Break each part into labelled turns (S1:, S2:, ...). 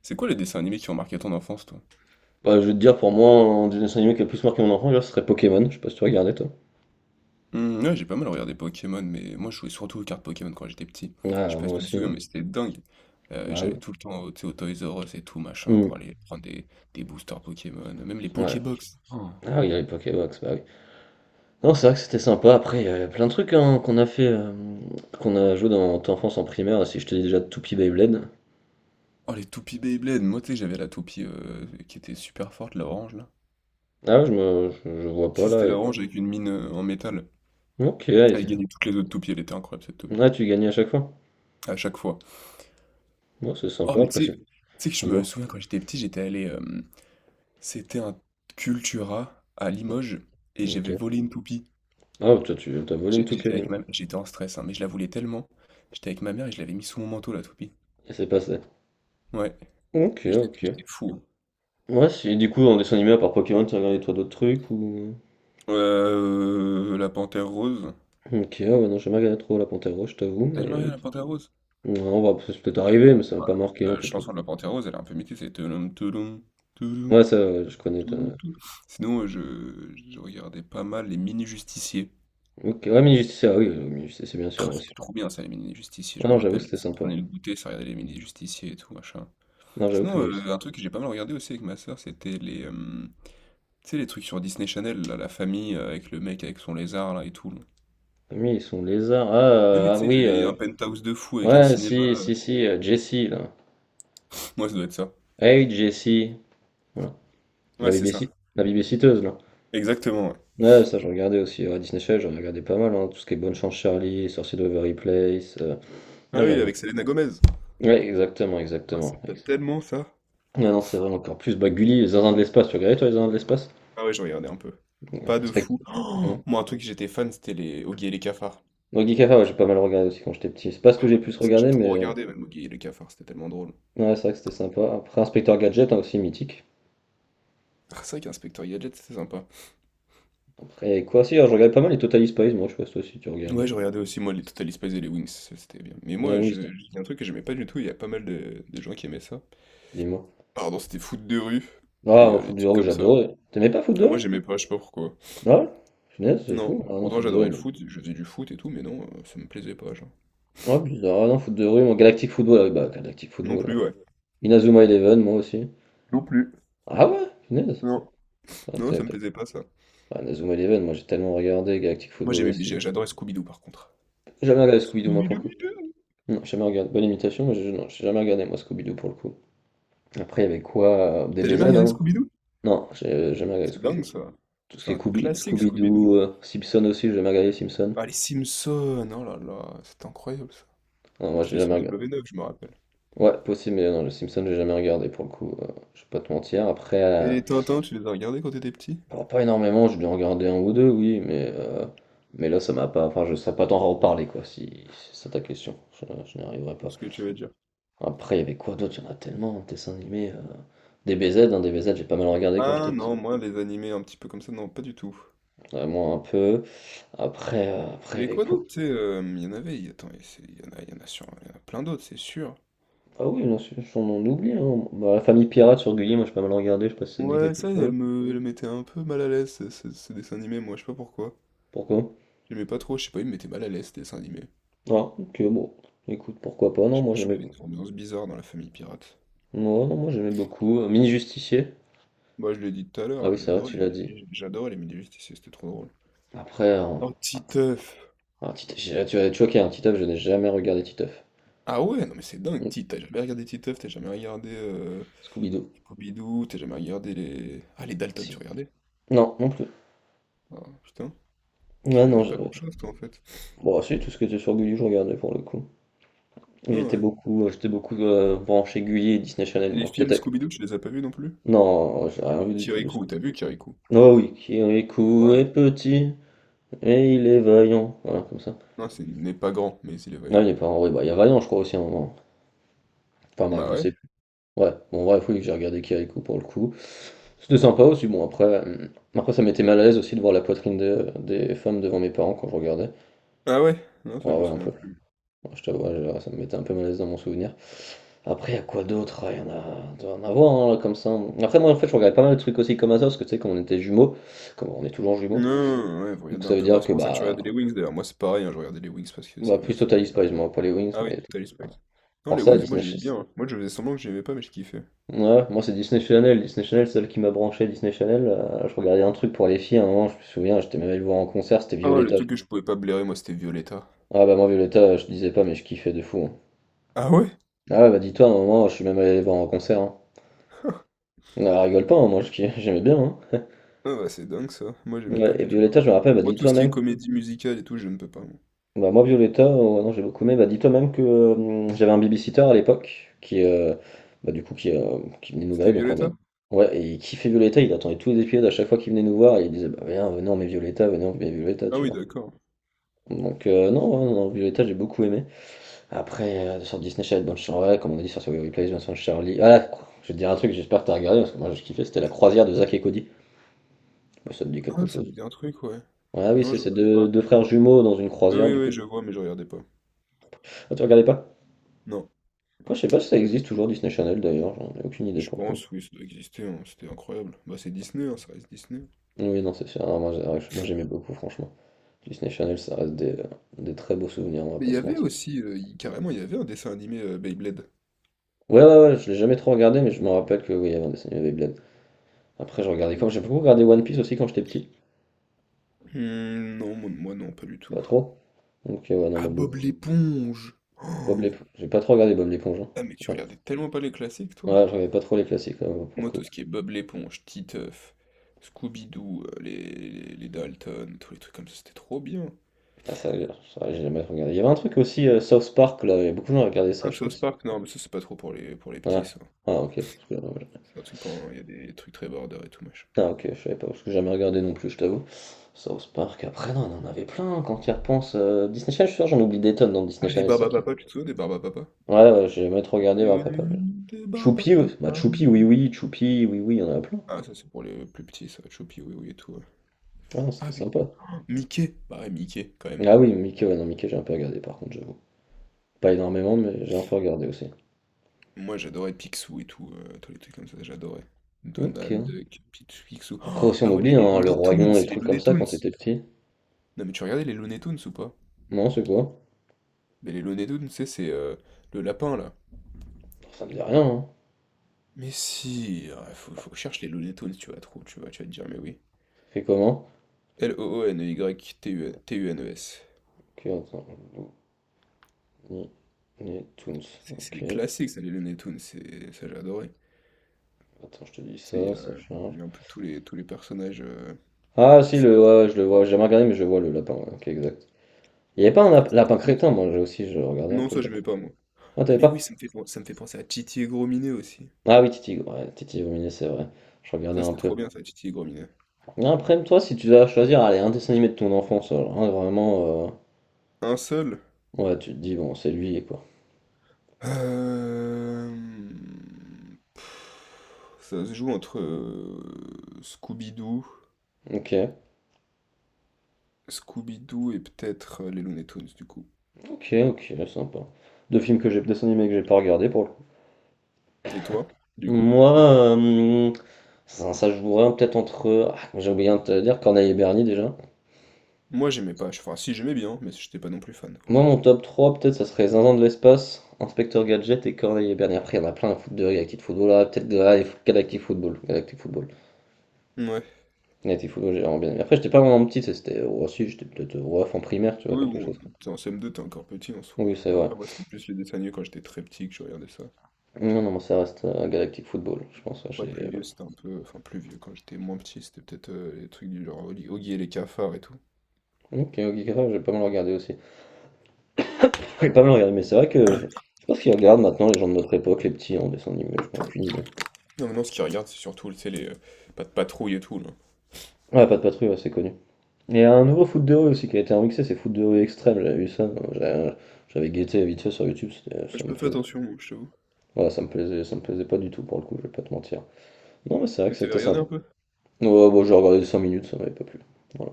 S1: C'est quoi les dessins animés qui ont marqué ton enfance, toi?
S2: Bah, je vais te dire, pour moi, un des dessins animés qui a le plus marqué mon enfant, déjà, ce serait Pokémon. Je sais pas si tu regardais, toi.
S1: Mmh, ouais, j'ai pas mal regardé Pokémon, mais moi je jouais surtout aux cartes Pokémon quand j'étais petit. Je sais
S2: Ah,
S1: pas
S2: moi
S1: si tu te
S2: aussi.
S1: souviens,
S2: Hein.
S1: mais c'était dingue.
S2: Ah,
S1: J'allais
S2: oui.
S1: tout le temps au, tu sais, au Toys R Us et tout, machin,
S2: Hmm.
S1: pour aller prendre des boosters Pokémon, même les
S2: Ouais.
S1: Pokébox. Oh,
S2: Ah oui, il y a les Pokébox, bah oui. Non, c'est vrai que c'était sympa. Après, il y a plein de trucs hein, qu'on a fait, qu'on a joué dans ton enfance en primaire. Si je te dis déjà Toupie Beyblade.
S1: oh, les toupies Beyblade. Moi, tu sais, j'avais la toupie qui était super forte, la orange, là.
S2: Ah, ouais, je vois pas
S1: Si,
S2: là.
S1: c'était la orange avec une mine en métal.
S2: Ok, ouais,
S1: Elle
S2: c'est-
S1: gagnait toutes les autres toupies, elle était incroyable, cette toupie.
S2: ah, tu gagnais à chaque fois.
S1: À chaque fois.
S2: Moi, c'est
S1: Oh,
S2: sympa,
S1: mais
S2: après, c'est-
S1: tu sais que je me
S2: dis-moi.
S1: souviens quand j'étais petit, j'étais allé, c'était un Cultura à Limoges et j'avais
S2: Ok.
S1: volé une toupie.
S2: Ah, toi, tu t'as volé une Toupie
S1: J'étais avec
S2: animée.
S1: ma... J'étais en stress, hein, mais je la voulais tellement. J'étais avec ma mère et je l'avais mis sous mon manteau, la toupie.
S2: Et c'est passé.
S1: Ouais,
S2: Ok,
S1: j'étais
S2: ok.
S1: j'étais fou.
S2: Ouais, si, du coup, en dessin animé, à part Pokémon, tu regardé toi d'autres trucs ou.
S1: Hein. La Panthère Rose.
S2: Ok, ah ouais, non, j'ai jamais regardé trop La Panthère Rose, je t'avoue,
S1: T'as
S2: mais
S1: jamais regardé la Panthère Rose?
S2: non, on va ça peut arriver, mais ça m'a pas marqué en
S1: La
S2: tout cas.
S1: chanson de la Panthère Rose, elle est un peu mythique, c'est Touloum, touloum, touloum,
S2: Ouais, ça, ouais, je connais.
S1: touloum,
S2: T'as-
S1: touloum. Sinon, je regardais pas mal les Mini-Justiciers.
S2: Ok, ouais, Mini Justice, ah oui, Mini Justice, c'est bien sûr,
S1: Ah,
S2: moi aussi.
S1: c'était trop bien ça, les Mini-Justiciers,
S2: Ah
S1: je me
S2: non, j'avoue,
S1: rappelle.
S2: c'était
S1: Ça
S2: sympa.
S1: prenait le goûter, ça regardait les Mini-Justiciers et tout, machin.
S2: Non, j'avoue que
S1: Sinon,
S2: Mini Justice.
S1: un truc que j'ai pas mal regardé aussi avec ma sœur, c'était les, tu sais, les trucs sur Disney Channel, là, la famille avec le mec avec son lézard là et tout. Là.
S2: Ah oui, ils sont lézards. Ah,
S1: Et oui,
S2: ah
S1: tu sais,
S2: oui,
S1: ils avaient un penthouse de fou avec un
S2: ouais,
S1: cinéma.
S2: si, si, si, Jessie, là.
S1: Moi, ça doit être ça.
S2: Hey, Jessie. Voilà. La
S1: Ouais, c'est ça.
S2: BBC, la bébé là.
S1: Exactement, ouais.
S2: Ouais, ça, je regardais aussi. À Disney Channel, j'en regardais pas mal, hein, tout ce qui est Bonne Chance Charlie, Sorcier de Waverly Place.
S1: Ah
S2: Non, j'en
S1: oui,
S2: ai
S1: avec Selena Gomez.
S2: ouais, exactement,
S1: Ah, ça
S2: exactement.
S1: me plaît tellement ça.
S2: Ah non, c'est vrai, encore plus. Bah, Gulli, les Zinzins de l'espace, tu regardais toi les Zinzins de l'espace?
S1: Ah ouais, je regardais un peu.
S2: Ouais,
S1: Pas de
S2: respect.
S1: fou.
S2: Ouais.
S1: Oh moi, un truc que j'étais fan, c'était les Oggy et les cafards.
S2: Non, Guy ouais, j'ai pas mal regardé aussi quand j'étais petit. C'est pas ce que
S1: Ah
S2: j'ai
S1: ouais, non,
S2: plus
S1: ça j'ai
S2: regardé,
S1: trop
S2: mais
S1: regardé même Oggy et les cafards, c'était tellement drôle.
S2: ouais, c'est vrai que c'était sympa. Après, Inspecteur Gadget, hein, aussi mythique.
S1: Ah, c'est vrai qu'Inspecteur Gadget, c'était sympa.
S2: Après, il y avait quoi? Si, alors, je regardais pas mal les Total Spies, moi, je sais pas si toi aussi tu
S1: Ouais,
S2: regardais.
S1: je regardais aussi, moi, les Total Spies et les Wings, ça, c'était bien. Mais
S2: Et
S1: moi,
S2: oui, c'est-
S1: je dis un truc que j'aimais pas du tout, il y a pas mal de gens qui aimaient ça.
S2: dis-moi.
S1: Pardon, c'était foot de rue,
S2: Ah,
S1: et
S2: moi, Foot
S1: les
S2: de
S1: trucs
S2: rue,
S1: comme ça, là.
S2: j'adorais. T'aimais pas Foot de
S1: Ah, moi,
S2: rue?
S1: j'aimais pas, je sais pas pourquoi.
S2: Ah, ouais? Punaise, c'est
S1: Non,
S2: fou. Ah non,
S1: pourtant,
S2: Foot de rue,
S1: j'adorais le
S2: moi.
S1: foot, je faisais du foot et tout, mais non, ça me plaisait pas, genre.
S2: Ah, bizarre. Ah non, Foot de rue, moi. Galactic Football, ah oui, bah, Galactic
S1: Non
S2: Football.
S1: plus,
S2: Hein.
S1: ouais.
S2: Inazuma Eleven, moi aussi.
S1: Non plus.
S2: Ah ouais? Punaise.
S1: Non.
S2: Putain,
S1: Non,
S2: t'avais
S1: ça me
S2: pas-
S1: plaisait pas, ça.
S2: Ah, Inazuma Eleven, moi j'ai tellement regardé, Galactic
S1: Moi,
S2: Football aussi.
S1: j'adorais Scooby-Doo, par contre.
S2: J'ai jamais regardé Scooby-Doo, moi pour
S1: Scooby-Doo,
S2: le coup.
S1: Bidou.
S2: Non, j'ai jamais regardé. Bonne imitation, mais j'ai non, j'ai jamais regardé, moi, Scooby-Doo pour le coup. Après, il y avait quoi?
S1: T'as
S2: DBZ,
S1: jamais regardé
S2: hein?
S1: Scooby-Doo?
S2: Non, j'ai jamais regardé
S1: C'est dingue,
S2: Scooby-Doo.
S1: ça.
S2: Tout ce qui
S1: C'est
S2: est
S1: un classique, Scooby-Doo.
S2: Scooby-Doo, Simpson aussi, j'ai jamais regardé Simpson.
S1: Ah, les Simpsons, oh là là, c'était incroyable, ça.
S2: Non, moi j'ai
S1: C'était
S2: jamais
S1: sur
S2: regardé.
S1: W9, je me rappelle.
S2: Ouais, possible, mais non, le Simpson, j'ai jamais regardé pour le coup. Je vais pas te mentir. Après,
S1: Et les Tintins, tu les as regardés quand t'étais petit?
S2: bon, pas énormément, j'ai dû en regarder un ou deux, oui, mais là, ça m'a pas. Enfin, je sais pas t'en reparler, quoi, si c'est ça ta question. Je n'y arriverai
S1: Je
S2: pas.
S1: ce que tu veux dire.
S2: Après, il y avait quoi d'autre? Il y en a tellement, dessins animés. DBZ, hein, DBZ, j'ai pas mal regardé quand
S1: Ah
S2: j'étais
S1: non,
S2: petit.
S1: moi, les animés un petit peu comme ça, non, pas du tout.
S2: Vraiment un peu. Après, euh,
S1: Il
S2: après, il
S1: y
S2: y
S1: avait
S2: avait
S1: quoi
S2: quoi?
S1: d'autre, tu sais, il y en avait, il- attends, il y c'est- il y en a, il y en a sur, il y en a plein d'autres, c'est sûr.
S2: Ah oui, non, c'est- on en oublie. Hein. Bah, la famille pirate sur Gulli, moi j'ai pas mal regardé, je sais pas si ça te dit
S1: Ouais,
S2: quelque
S1: ça,
S2: chose.
S1: elle mettait un peu mal à l'aise, ce dessin animé, moi, je sais pas pourquoi.
S2: Pourquoi?
S1: J'aimais pas trop, je sais pas, il me mettait mal à l'aise, ce dessin animé.
S2: Ah, ok, bon. Écoute, pourquoi pas?
S1: Je
S2: Non,
S1: sais
S2: moi
S1: pas, je
S2: j'aimais
S1: trouvais une ambiance bizarre dans la famille pirate.
S2: non, non, moi j'aimais beaucoup. Mini Justicier.
S1: Moi, je l'ai dit tout à
S2: Ah
S1: l'heure,
S2: oui, c'est vrai, tu l'as dit.
S1: J'adorais les mini-justiciers, c'était trop drôle.
S2: Après,
S1: Oh, Titeuf!
S2: ah, Tite- j'ai- tu as choqué, un Titeuf, je n'ai jamais regardé Titeuf.
S1: Ah ouais, non mais c'est dingue,
S2: Mm.
S1: T'as jamais regardé Titeuf, t'as jamais regardé
S2: Scooby-Doo.
S1: Pompidou, t'as jamais regardé les... Ah les Dalton, tu
S2: Si.
S1: regardais?
S2: Non, non plus.
S1: Ah putain, tu
S2: Ouais, non,
S1: regardais pas
S2: je-
S1: grand-chose toi en fait.
S2: Bon, si, tout ce qui était sur Gulli, je regardais pour le coup.
S1: Ah
S2: J'étais
S1: ouais.
S2: beaucoup, euh, j'étais beaucoup branché Gulli et Disney Channel,
S1: Les
S2: moi.
S1: films
S2: Peut-être.
S1: Scooby-Doo, tu les as pas vus non plus?
S2: Non, j'ai rien vu du tout de ce
S1: Kirikou,
S2: coup.
S1: t'as vu Kirikou?
S2: Oh oui, Kirikou
S1: Voilà.
S2: est petit et il est vaillant. Voilà, comme ça.
S1: Non, c'est n'est pas grand, mais il est
S2: Ah,
S1: vaillant.
S2: il est pas en vrai. Bah, il y a Vaillant, je crois aussi à un moment. Enfin, bref,
S1: Bah
S2: je
S1: ouais.
S2: sais plus. Ouais, bon, bref, oui, j'ai regardé Kirikou pour le coup. C'était sympa aussi. Bon, après ça m'était mal à l'aise aussi de voir la poitrine des femmes devant mes parents quand je regardais.
S1: Ah ouais? Non, ça
S2: Ouais,
S1: je me
S2: ouais, un
S1: souviens
S2: peu.
S1: plus.
S2: Moi, je t'avoue, je- ça me mettait un peu mal à l'aise dans mon souvenir. Après, il y a quoi d'autre? Hein, il y en a, il doit y en avoir hein, là, comme ça. Après, moi, en fait, je regardais pas mal de trucs aussi comme ça, parce que tu sais, comme on était jumeaux, comme on est toujours jumeaux,
S1: Non, ouais, vous
S2: donc
S1: regardez
S2: ça
S1: un
S2: veut
S1: peu, bah
S2: dire
S1: c'est
S2: que
S1: pour ça que tu
S2: bah,
S1: regardais les Wings d'ailleurs, moi c'est pareil, hein, je regardais les Wings parce que
S2: bah
S1: c'est
S2: plus
S1: ma soeur
S2: Total
S1: qui regardait.
S2: Spies, moi, pas les Wings,
S1: Ah oui,
S2: mais
S1: Tally Spice. Non,
S2: pour
S1: les
S2: ça,
S1: Wings, moi
S2: Disney
S1: j'aimais
S2: Channel.
S1: bien, hein. Moi je faisais semblant que j'aimais pas, mais je kiffais.
S2: Ouais, moi, c'est Disney Channel. Disney Channel, c'est celle qui m'a branché. Disney Channel, je regardais un truc pour les filles à un moment, je me souviens, j'étais même allé le voir en concert, c'était
S1: Oh, le
S2: Violetta.
S1: truc que je pouvais pas blairer, moi, c'était Violetta.
S2: Ah bah, moi, Violetta, je disais pas, mais je kiffais de fou. Hein.
S1: Ah ouais?
S2: Ah ouais, bah, dis-toi, à un moment, je suis même allé les voir en concert. Hein. Ah, rigole pas, hein, moi, je kiffais- j'aimais bien. Hein.
S1: Ah bah, c'est dingue ça. Moi, j'aimais
S2: Ouais
S1: pas
S2: et
S1: du tout.
S2: Violetta, je me rappelle, elle
S1: Moi,
S2: m'a
S1: tout ce qui est
S2: «Toi-même»
S1: comédie musicale et tout, je ne peux pas. Moi.
S2: bah, moi Violetta, non j'ai beaucoup aimé, elle m'a «Toi-même que, j'avais un babysitter à l'époque qui, bah, du coup qui, qui venait nous
S1: C'était
S2: garder donc on regarde».
S1: Violetta?
S2: Ouais et il kiffait Violetta, il attendait tous les épisodes à chaque fois qu'il venait nous voir et il disait: «Bah, viens, venez on met Violetta, venez on met Violetta»,
S1: Ah
S2: tu
S1: oui,
S2: vois?
S1: d'accord.
S2: Donc non, ouais, non, non, Violetta, j'ai beaucoup aimé. Après, sur Disney Channel, bonne chan ouais, comme on a dit sur Survivor Replays, Vincent Charlie ah! Je vais te dire un truc, j'espère que t'as regardé parce que moi j'ai kiffé, c'était La Croisière de Zach et Cody. Je si ça te dit quelque
S1: Ah, ça me
S2: chose?
S1: dit un truc, ouais.
S2: Ah oui,
S1: Non,
S2: c'est
S1: je
S2: ces
S1: regardais
S2: 2-
S1: pas.
S2: 2 frères jumeaux dans une
S1: Ah
S2: croisière
S1: oui,
S2: du coup.
S1: oui, je vois, mais je regardais pas.
S2: Ah, tu regardais pas?
S1: Non,
S2: Moi, je sais pas si ça
S1: pas du
S2: existe
S1: tout.
S2: toujours Disney Channel d'ailleurs, j'en ai aucune idée
S1: Je
S2: pour le coup.
S1: pense, oui, ça doit exister, hein. C'était incroyable. Bah, c'est Disney, hein, ça reste Disney.
S2: Oui, non, c'est sûr. Ah, moi, j'ai- moi, j'aimais beaucoup, franchement. Disney Channel, ça reste des très beaux souvenirs, on va
S1: Mais
S2: pas
S1: il y
S2: se
S1: avait
S2: mentir.
S1: aussi, carrément, il y avait un dessin animé Beyblade.
S2: Ouais, ouais, ouais, je l'ai jamais trop regardé, mais je me rappelle que oui, il y avait un dessin animé Beyblade. Après, je regardais quand j'ai beaucoup regardé One Piece aussi quand j'étais petit.
S1: Hmm, non, moi, non, pas du
S2: Pas
S1: tout.
S2: trop. Donc, ouais, non,
S1: Ah,
S2: moi,
S1: Bob
S2: beaucoup.
S1: l'éponge!
S2: Bob
S1: Oh,
S2: l'éponge. J'ai pas trop regardé Bob l'éponge. Hein.
S1: ah, mais tu
S2: Ouais.
S1: regardais tellement pas les classiques, toi.
S2: Ouais, je regardais pas trop les classiques, ouais, pour le
S1: Moi, tout
S2: coup.
S1: ce qui est Bob l'éponge, Titeuf, Scooby-Doo, les Dalton, tous les trucs comme ça, c'était trop bien.
S2: Ah, ça, j'ai jamais regardé. Il y avait un truc aussi, South Park, là, il y a beaucoup de gens qui regardaient ça,
S1: Ah,
S2: je sais pas
S1: South
S2: si.
S1: Park, non, mais ça, c'est pas trop pour les
S2: Ouais.
S1: petits, ça.
S2: Ah, ok. Parce que,
S1: C'est un truc pour... Il y a des trucs très border et tout, machin.
S2: ah ok, je savais pas, parce que j'ai jamais regardé non plus, je t'avoue. South Park, après, non, on en avait plein, hein, quand tu y repenses. Disney Channel, je suis sûr, j'en oublie des tonnes dans Disney
S1: Ah, les
S2: Channel, ça qui...
S1: Barbapapa, tu te souviens des Barbapapa?
S2: Ouais, ouais, j'ai jamais trop regardé, ouais, papa.
S1: Des
S2: Choupi, ouais. Bah
S1: Barbapapa.
S2: Choupi, oui, oui, il y en a plein.
S1: Ah, ça, c'est pour les plus petits, ça. Choupi, oui, oui, et tout. Ouais.
S2: Ah non,
S1: Ah,
S2: c'était sympa.
S1: putain, Mickey! Bah ouais, Mickey, quand même.
S2: Ah oui, Mickey, ouais, non, Mickey, j'ai un peu regardé, par contre, j'avoue. Pas énormément, mais j'ai un peu regardé aussi.
S1: Moi, j'adorais Picsou et tout, tous les trucs comme ça, j'adorais. Donald
S2: Ok.
S1: Duck, Picsou. Picsou.
S2: Après
S1: Oh,
S2: aussi, on
S1: ah ouais, mais
S2: oublie,
S1: les
S2: hein, le
S1: Looney
S2: Roi Lion,
S1: Tunes,
S2: les
S1: les
S2: trucs comme
S1: Looney
S2: ça, quand
S1: Tunes!
S2: t'étais petit.
S1: Non mais tu regardais les Looney Tunes ou pas?
S2: Non, c'est quoi?
S1: Mais les Looney Tunes, tu sais, c'est le lapin là.
S2: Ça me dit rien, hein.
S1: Mais si, ah,
S2: Bah,
S1: faut que je cherche les Looney Tunes, tu vas trouver, tu vas te dire, mais oui.
S2: ça fait comment?
S1: L-O-O-N-Y-T-U-N-E-S.
S2: Ok, attends. Looney Tunes.
S1: C'est des
S2: Ok,
S1: classiques ça, les Looney Tunes, ça j'ai adoré.
S2: attends, je te dis
S1: Tu sais,
S2: ça, ça
S1: il
S2: change.
S1: y a un peu tous les personnages.
S2: Ah si,
S1: C'est-
S2: le, ouais, ouais, je le vois, j'ai jamais regardé, mais je vois le lapin, ouais, ok, exact. Il n'y avait pas un
S1: ah, c'était
S2: lapin
S1: trop bien.
S2: crétin, moi j'ai aussi, je regardais un
S1: Non,
S2: peu le
S1: ça
S2: lapin.
S1: j'aimais pas moi.
S2: Ah,
S1: Ah
S2: t'avais
S1: mais oui,
S2: pas?
S1: ça me fait penser à Titi et Gros Minet aussi.
S2: Ah oui, Titi, ouais, Titi Vominé, c'est vrai. Je regardais
S1: Ça
S2: un
S1: c'était
S2: peu.
S1: trop bien ça, Titi et Gros Minet.
S2: Après, toi, si tu dois choisir, allez, un dessin animé de ton enfance, alors, hein, vraiment,
S1: Un seul?
S2: ouais, tu te dis, bon, c'est lui, quoi.
S1: Hem, ça se joue entre Scooby-Doo,
S2: Ok,
S1: Scooby-Doo et peut-être les Looney Tunes, du coup.
S2: ok, ok, sympa. Deux films que j'ai, dessin animé que j'ai pas regardé, pour le coup.
S1: Et toi, du coup?
S2: Moi, ça, ça jouerait peut-être entre... ah, j'ai oublié de te dire, Corneille et Bernie, déjà.
S1: Moi, j'aimais pas. Enfin, si, j'aimais bien, mais j'étais pas non plus fan, quoi.
S2: Moi, mon top 3 peut-être, ça serait Zinzin de l'espace, Inspecteur Gadget et Corneille et Bernie. Après, il y en a plein à foutre de Galactic Football. Là peut-être ah, et Galactic Football. Galactic Football.
S1: Ouais.
S2: Galactic Football, j'ai vraiment bien aimé. Après, j'étais pas vraiment petit, c'était oh, si, j'étais peut-être ref en primaire, tu vois,
S1: Oui,
S2: quelque
S1: bon,
S2: chose.
S1: t'es en CM2, t'es encore petit en soi.
S2: Oui, c'est
S1: Moi,
S2: vrai.
S1: après, moi, c'était plus les dessins animés quand j'étais très petit que je regardais ça.
S2: Non, non, mais ça reste Galactic Football, je pense. Ouais,
S1: Après, plus
S2: j'ai-
S1: vieux, c'était un peu... Enfin, plus vieux, quand j'étais moins petit, c'était peut-être les trucs du genre Oggy et les cafards et tout.
S2: ok, ok, grave, j'ai pas mal regardé aussi. J'ai pas mal regardé, mais c'est vrai que je sais pas ce qu'ils regardent maintenant, les gens de notre époque, les petits en dessin animé, je n'ai aucune idée.
S1: Non, maintenant, ce qu'ils regardent, c'est surtout, tu sais, les... pas de patrouille et tout, là.
S2: Ouais, pas de patrouille, ouais, c'est connu. Il y a un nouveau foot de rue aussi qui a été remixé, c'est Foot de rue extrême, j'avais vu ça, j'a- j'avais guetté vite fait sur YouTube, c'était- ça
S1: Je
S2: me
S1: peux faire
S2: plaisait.
S1: attention, moi, je t'avoue.
S2: Voilà, ça me plaisait pas du tout pour le coup, je vais pas te mentir. Non mais c'est vrai que
S1: T'avais
S2: c'était
S1: regardé
S2: sympa.
S1: un peu?
S2: Ouais, bon, j'ai regardé 5 minutes, ça m'avait pas plu. Voilà.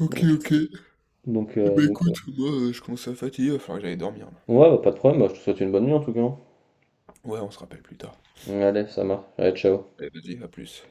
S1: Ok,
S2: Donc,
S1: ok.
S2: donc,
S1: Eh
S2: euh,
S1: ben
S2: donc, ouais,
S1: écoute, moi je commence à fatiguer, il va falloir que j'aille dormir. Là.
S2: ouais, bah, pas de problème, bah, je te souhaite une bonne nuit en tout cas. Hein.
S1: Ouais, on se rappelle plus tard.
S2: Allez, ça marche. Allez, ciao.
S1: Allez, vas-y, à plus.